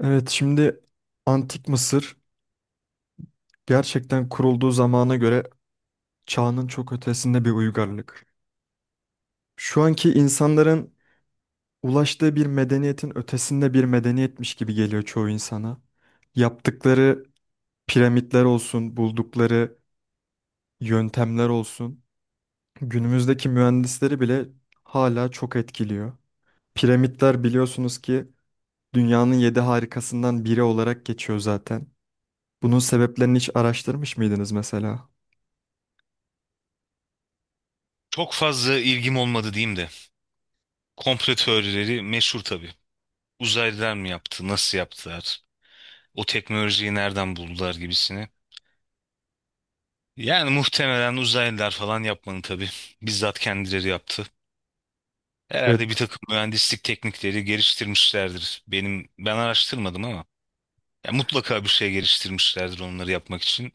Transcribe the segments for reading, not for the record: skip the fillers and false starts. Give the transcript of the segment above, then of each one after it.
Evet şimdi Antik Mısır gerçekten kurulduğu zamana göre çağının çok ötesinde bir uygarlık. Şu anki insanların ulaştığı bir medeniyetin ötesinde bir medeniyetmiş gibi geliyor çoğu insana. Yaptıkları piramitler olsun, buldukları yöntemler olsun, günümüzdeki mühendisleri bile hala çok etkiliyor. Piramitler biliyorsunuz ki dünyanın yedi harikasından biri olarak geçiyor zaten. Bunun sebeplerini hiç araştırmış mıydınız mesela? Çok fazla ilgim olmadı diyeyim de. Komplo teorileri meşhur tabii. Uzaylılar mı yaptı, nasıl yaptılar, o teknolojiyi nereden buldular gibisini. Yani muhtemelen uzaylılar falan yapmadı tabii. Bizzat kendileri yaptı. Herhalde bir Evet. takım mühendislik teknikleri geliştirmişlerdir. Ben araştırmadım ama ya mutlaka bir şey geliştirmişlerdir onları yapmak için.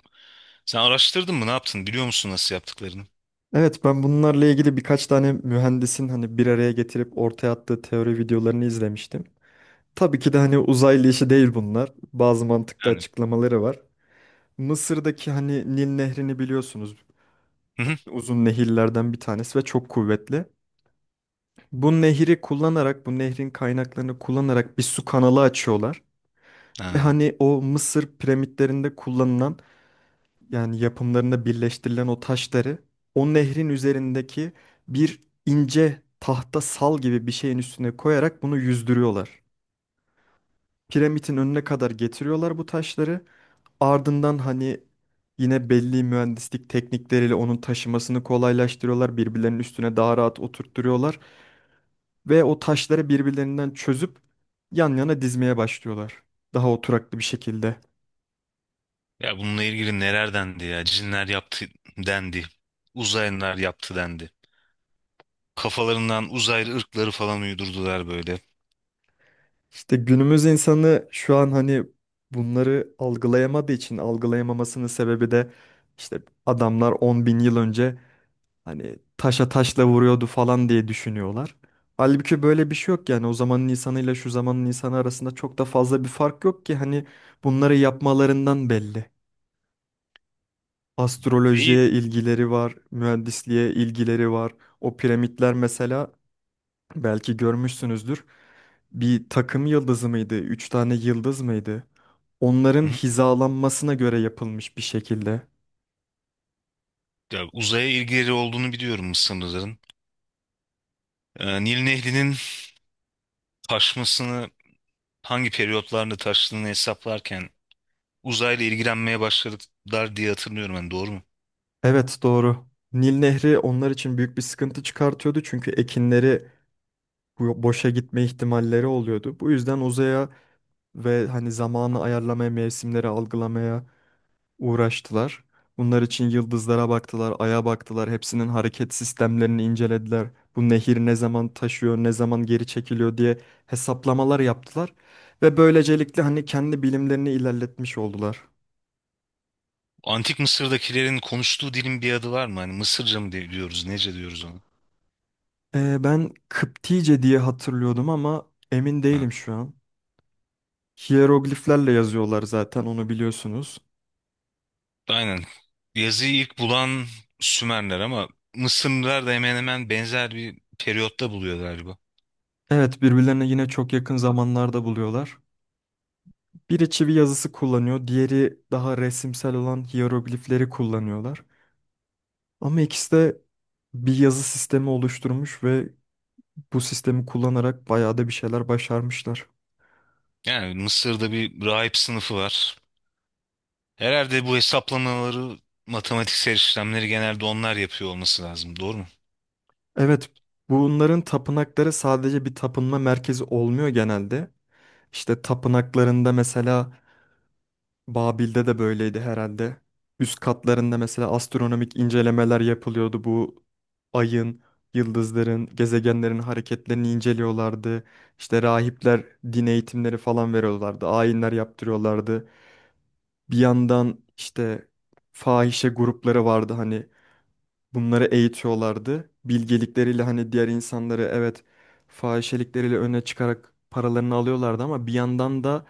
Sen araştırdın mı? Ne yaptın? Biliyor musun nasıl yaptıklarını? Evet, ben bunlarla ilgili birkaç tane mühendisin hani bir araya getirip ortaya attığı teori videolarını izlemiştim. Tabii ki de hani uzaylı işi değil bunlar. Bazı mantıklı Yani. açıklamaları var. Mısır'daki hani Nil Nehri'ni biliyorsunuz. Hı hı. Uzun nehirlerden bir tanesi ve çok kuvvetli. Bu nehri kullanarak, bu nehrin kaynaklarını kullanarak bir su kanalı açıyorlar. Ve Ha. hani o Mısır piramitlerinde kullanılan yani yapımlarında birleştirilen o taşları o nehrin üzerindeki bir ince tahta sal gibi bir şeyin üstüne koyarak bunu yüzdürüyorlar. Piramidin önüne kadar getiriyorlar bu taşları. Ardından hani yine belli mühendislik teknikleriyle onun taşımasını kolaylaştırıyorlar. Birbirlerinin üstüne daha rahat oturtturuyorlar ve o taşları birbirlerinden çözüp yan yana dizmeye başlıyorlar. Daha oturaklı bir şekilde. Ya bununla ilgili neler dendi ya? Cinler yaptı dendi. Uzaylılar yaptı dendi. Kafalarından uzaylı ırkları falan uydurdular böyle. İşte günümüz insanı şu an hani bunları algılayamadığı için algılayamamasının sebebi de işte adamlar 10.000 yıl önce hani taşa taşla vuruyordu falan diye düşünüyorlar. Halbuki böyle bir şey yok yani o zamanın insanıyla şu zamanın insanı arasında çok da fazla bir fark yok ki hani bunları yapmalarından belli. İyi. Astrolojiye ilgileri var, mühendisliğe ilgileri var. O piramitler mesela belki görmüşsünüzdür. Bir takım yıldızı mıydı? Üç tane yıldız mıydı? Hı Onların hı. hizalanmasına göre yapılmış bir şekilde. Ya uzaya ilgileri olduğunu biliyorum Mısırlıların. Nil Nehri'nin taşmasını hangi periyotlarla taştığını hesaplarken uzayla ilgilenmeye başladılar diye hatırlıyorum ben, doğru mu? Evet, doğru. Nil Nehri onlar için büyük bir sıkıntı çıkartıyordu çünkü ekinleri boşa gitme ihtimalleri oluyordu. Bu yüzden uzaya ve hani zamanı ayarlamaya, mevsimleri algılamaya uğraştılar. Bunlar için yıldızlara baktılar, aya baktılar, hepsinin hareket sistemlerini incelediler. Bu nehir ne zaman taşıyor, ne zaman geri çekiliyor diye hesaplamalar yaptılar ve böylecelikle hani kendi bilimlerini ilerletmiş oldular. Antik Mısır'dakilerin konuştuğu dilin bir adı var mı? Hani Mısırca mı diyoruz, nece diyoruz onu? Ben Kıptice diye hatırlıyordum ama emin değilim şu an. Hierogliflerle yazıyorlar zaten onu biliyorsunuz. Aynen. Yazıyı ilk bulan Sümerler ama Mısırlılar da hemen hemen benzer bir periyotta buluyor galiba. Evet, birbirlerine yine çok yakın zamanlarda buluyorlar. Biri çivi yazısı kullanıyor, diğeri daha resimsel olan hieroglifleri kullanıyorlar. Ama ikisi de bir yazı sistemi oluşturmuş ve bu sistemi kullanarak bayağı da bir şeyler başarmışlar. Yani Mısır'da bir rahip sınıfı var. Herhalde bu hesaplamaları, matematiksel işlemleri genelde onlar yapıyor olması lazım. Doğru mu? Evet, bunların tapınakları sadece bir tapınma merkezi olmuyor genelde. İşte tapınaklarında mesela Babil'de de böyleydi herhalde. Üst katlarında mesela astronomik incelemeler yapılıyordu. Bu ayın, yıldızların, gezegenlerin hareketlerini inceliyorlardı. İşte rahipler din eğitimleri falan veriyorlardı. Ayinler yaptırıyorlardı. Bir yandan işte fahişe grupları vardı hani bunları eğitiyorlardı. Bilgelikleriyle hani diğer insanları evet fahişelikleriyle öne çıkarak paralarını alıyorlardı ama bir yandan da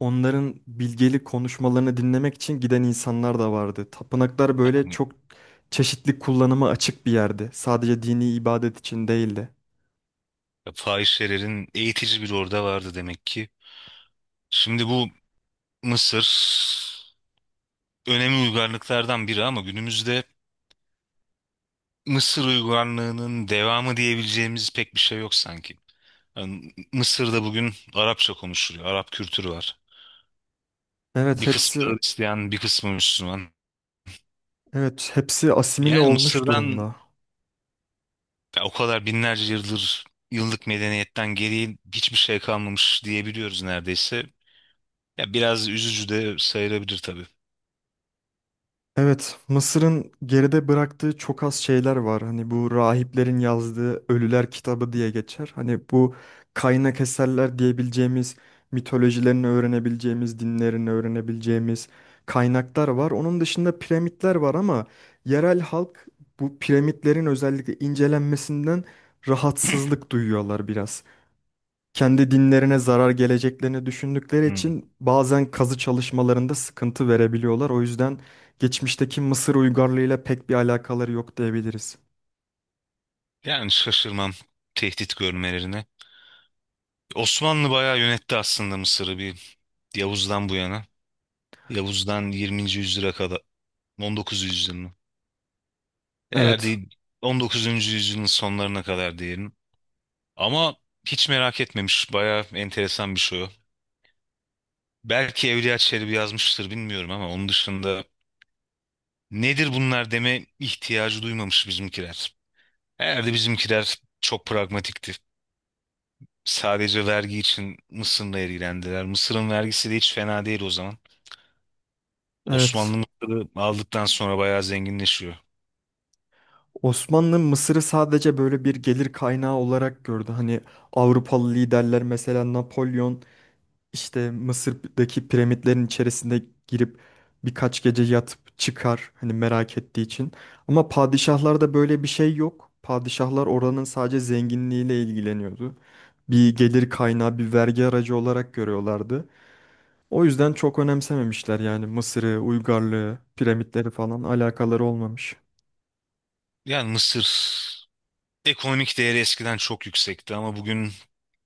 onların bilgelik konuşmalarını dinlemek için giden insanlar da vardı. Tapınaklar böyle Yani çok çeşitli kullanıma açık bir yerdi. Sadece dini ibadet için değildi. fahişelerin eğitici bir orada vardı demek ki. Şimdi bu Mısır önemli uygarlıklardan biri ama günümüzde Mısır uygarlığının devamı diyebileceğimiz pek bir şey yok sanki. Yani Mısır'da bugün Arapça konuşuluyor. Arap kültürü var. Evet Bir kısmı hepsi Hristiyan, bir kısmı Müslüman. evet hepsi asimile Yani olmuş Mısır'dan durumda. ya o kadar binlerce yıldır yıllık medeniyetten geriye hiçbir şey kalmamış diyebiliyoruz neredeyse. Ya biraz üzücü de sayılabilir tabii. Evet, Mısır'ın geride bıraktığı çok az şeyler var. Hani bu rahiplerin yazdığı Ölüler kitabı diye geçer. Hani bu kaynak eserler diyebileceğimiz, mitolojilerini öğrenebileceğimiz, dinlerini öğrenebileceğimiz kaynaklar var. Onun dışında piramitler var ama yerel halk bu piramitlerin özellikle incelenmesinden rahatsızlık duyuyorlar biraz kendi dinlerine zarar geleceklerini düşündükleri Hmm. için bazen kazı çalışmalarında sıkıntı verebiliyorlar. O yüzden geçmişteki Mısır uygarlığıyla pek bir alakaları yok diyebiliriz. Yani şaşırmam tehdit görmelerine. Osmanlı bayağı yönetti aslında Mısır'ı, bir Yavuz'dan bu yana. Yavuz'dan 20. yüzyıla kadar, 19. yüzyılın. Evet, Herhalde 19. yüzyılın sonlarına kadar diyelim. Ama hiç merak etmemiş. Bayağı enteresan bir şey o. Belki Evliya Çelebi yazmıştır, bilmiyorum, ama onun dışında nedir bunlar deme ihtiyacı duymamış bizimkiler. Herhalde bizimkiler çok pragmatikti. Sadece vergi için Mısır'la ilgilendiler. Mısır'ın vergisi de hiç fena değil o zaman. Osmanlı evet. Mısır'ı aldıktan sonra bayağı zenginleşiyor. Osmanlı Mısır'ı sadece böyle bir gelir kaynağı olarak gördü. Hani Avrupalı liderler, mesela Napolyon, İşte Mısır'daki piramitlerin içerisinde girip birkaç gece yatıp çıkar hani merak ettiği için. Ama padişahlarda böyle bir şey yok. Padişahlar oranın sadece zenginliğiyle ilgileniyordu. Bir gelir kaynağı, bir vergi aracı olarak görüyorlardı. O yüzden çok önemsememişler yani Mısır'ı, uygarlığı, piramitleri falan alakaları olmamış. Yani Mısır ekonomik değeri eskiden çok yüksekti ama bugün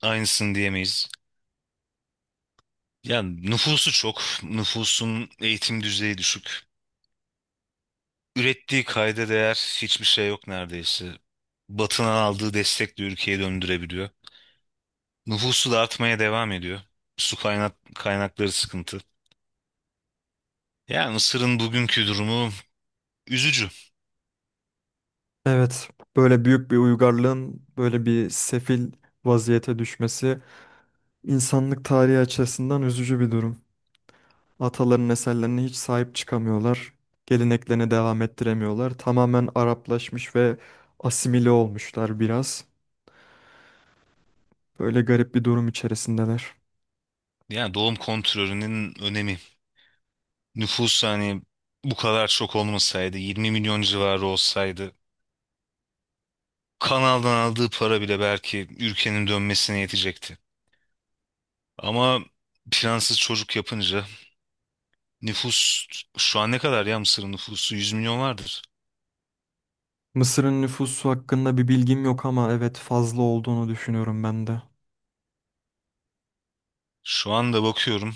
aynısını diyemeyiz. Yani nüfusu çok, nüfusun eğitim düzeyi düşük. Ürettiği kayda değer hiçbir şey yok neredeyse. Batı'nın aldığı destekle ülkeyi döndürebiliyor. Nüfusu da artmaya devam ediyor. Su kaynakları sıkıntı. Yani Mısır'ın bugünkü durumu üzücü. Evet, böyle büyük bir uygarlığın böyle bir sefil vaziyete düşmesi insanlık tarihi açısından üzücü bir durum. Ataların eserlerine hiç sahip çıkamıyorlar. Geleneklerine devam ettiremiyorlar. Tamamen Araplaşmış ve asimile olmuşlar biraz. Böyle garip bir durum içerisindeler. Yani doğum kontrolünün önemi. Nüfus hani bu kadar çok olmasaydı, 20 milyon civarı olsaydı, kanaldan aldığı para bile belki ülkenin dönmesine yetecekti. Ama plansız çocuk yapınca nüfus şu an ne kadar, ya Mısır'ın nüfusu 100 milyon vardır. Mısır'ın nüfusu hakkında bir bilgim yok ama evet fazla olduğunu düşünüyorum ben de. Şu anda bakıyorum,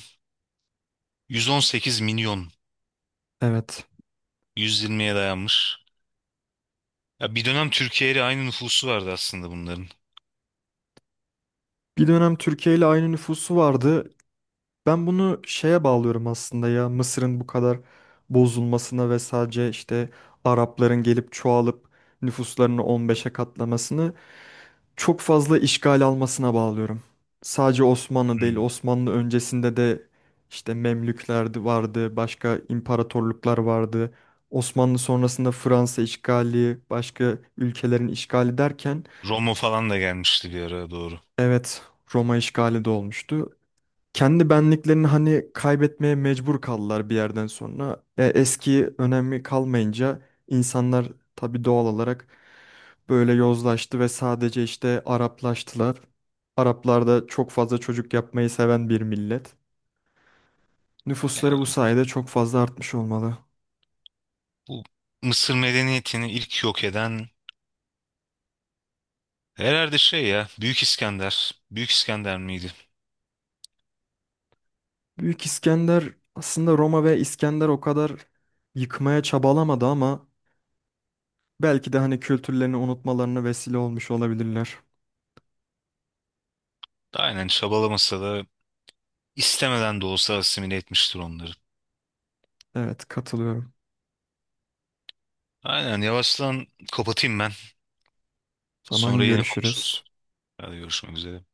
118 milyon, Evet. 120'ye dayanmış. Ya bir dönem Türkiye ile aynı nüfusu vardı aslında bunların. Bir dönem Türkiye ile aynı nüfusu vardı. Ben bunu şeye bağlıyorum aslında ya Mısır'ın bu kadar bozulmasına ve sadece işte Arapların gelip çoğalıp nüfuslarını 15'e katlamasını çok fazla işgal almasına bağlıyorum. Sadece Osmanlı değil, Hmm. Osmanlı öncesinde de işte Memlükler de vardı, başka imparatorluklar vardı. Osmanlı sonrasında Fransa işgali, başka ülkelerin işgali derken Roma falan da gelmişti bir ara, doğru. evet Roma işgali de olmuştu kendi benliklerini hani kaybetmeye mecbur kaldılar bir yerden sonra. Eski önemi kalmayınca insanlar tabii doğal olarak böyle yozlaştı ve sadece işte Araplaştılar. Araplar da çok fazla çocuk yapmayı seven bir millet. Yani Nüfusları bu sayede çok fazla artmış olmalı. bu Mısır medeniyetini ilk yok eden herhalde şey, ya Büyük İskender. Büyük İskender miydi? Büyük İskender aslında Roma ve İskender o kadar yıkmaya çabalamadı ama belki de hani kültürlerini unutmalarına vesile olmuş olabilirler. Aynen, çabalamasa da istemeden de olsa asimile etmiştir onları. Evet, katılıyorum. Aynen, yavaştan kapatayım ben. Sonra Zaman yine görüşürüz. konuşuruz. Hadi, görüşmek üzere.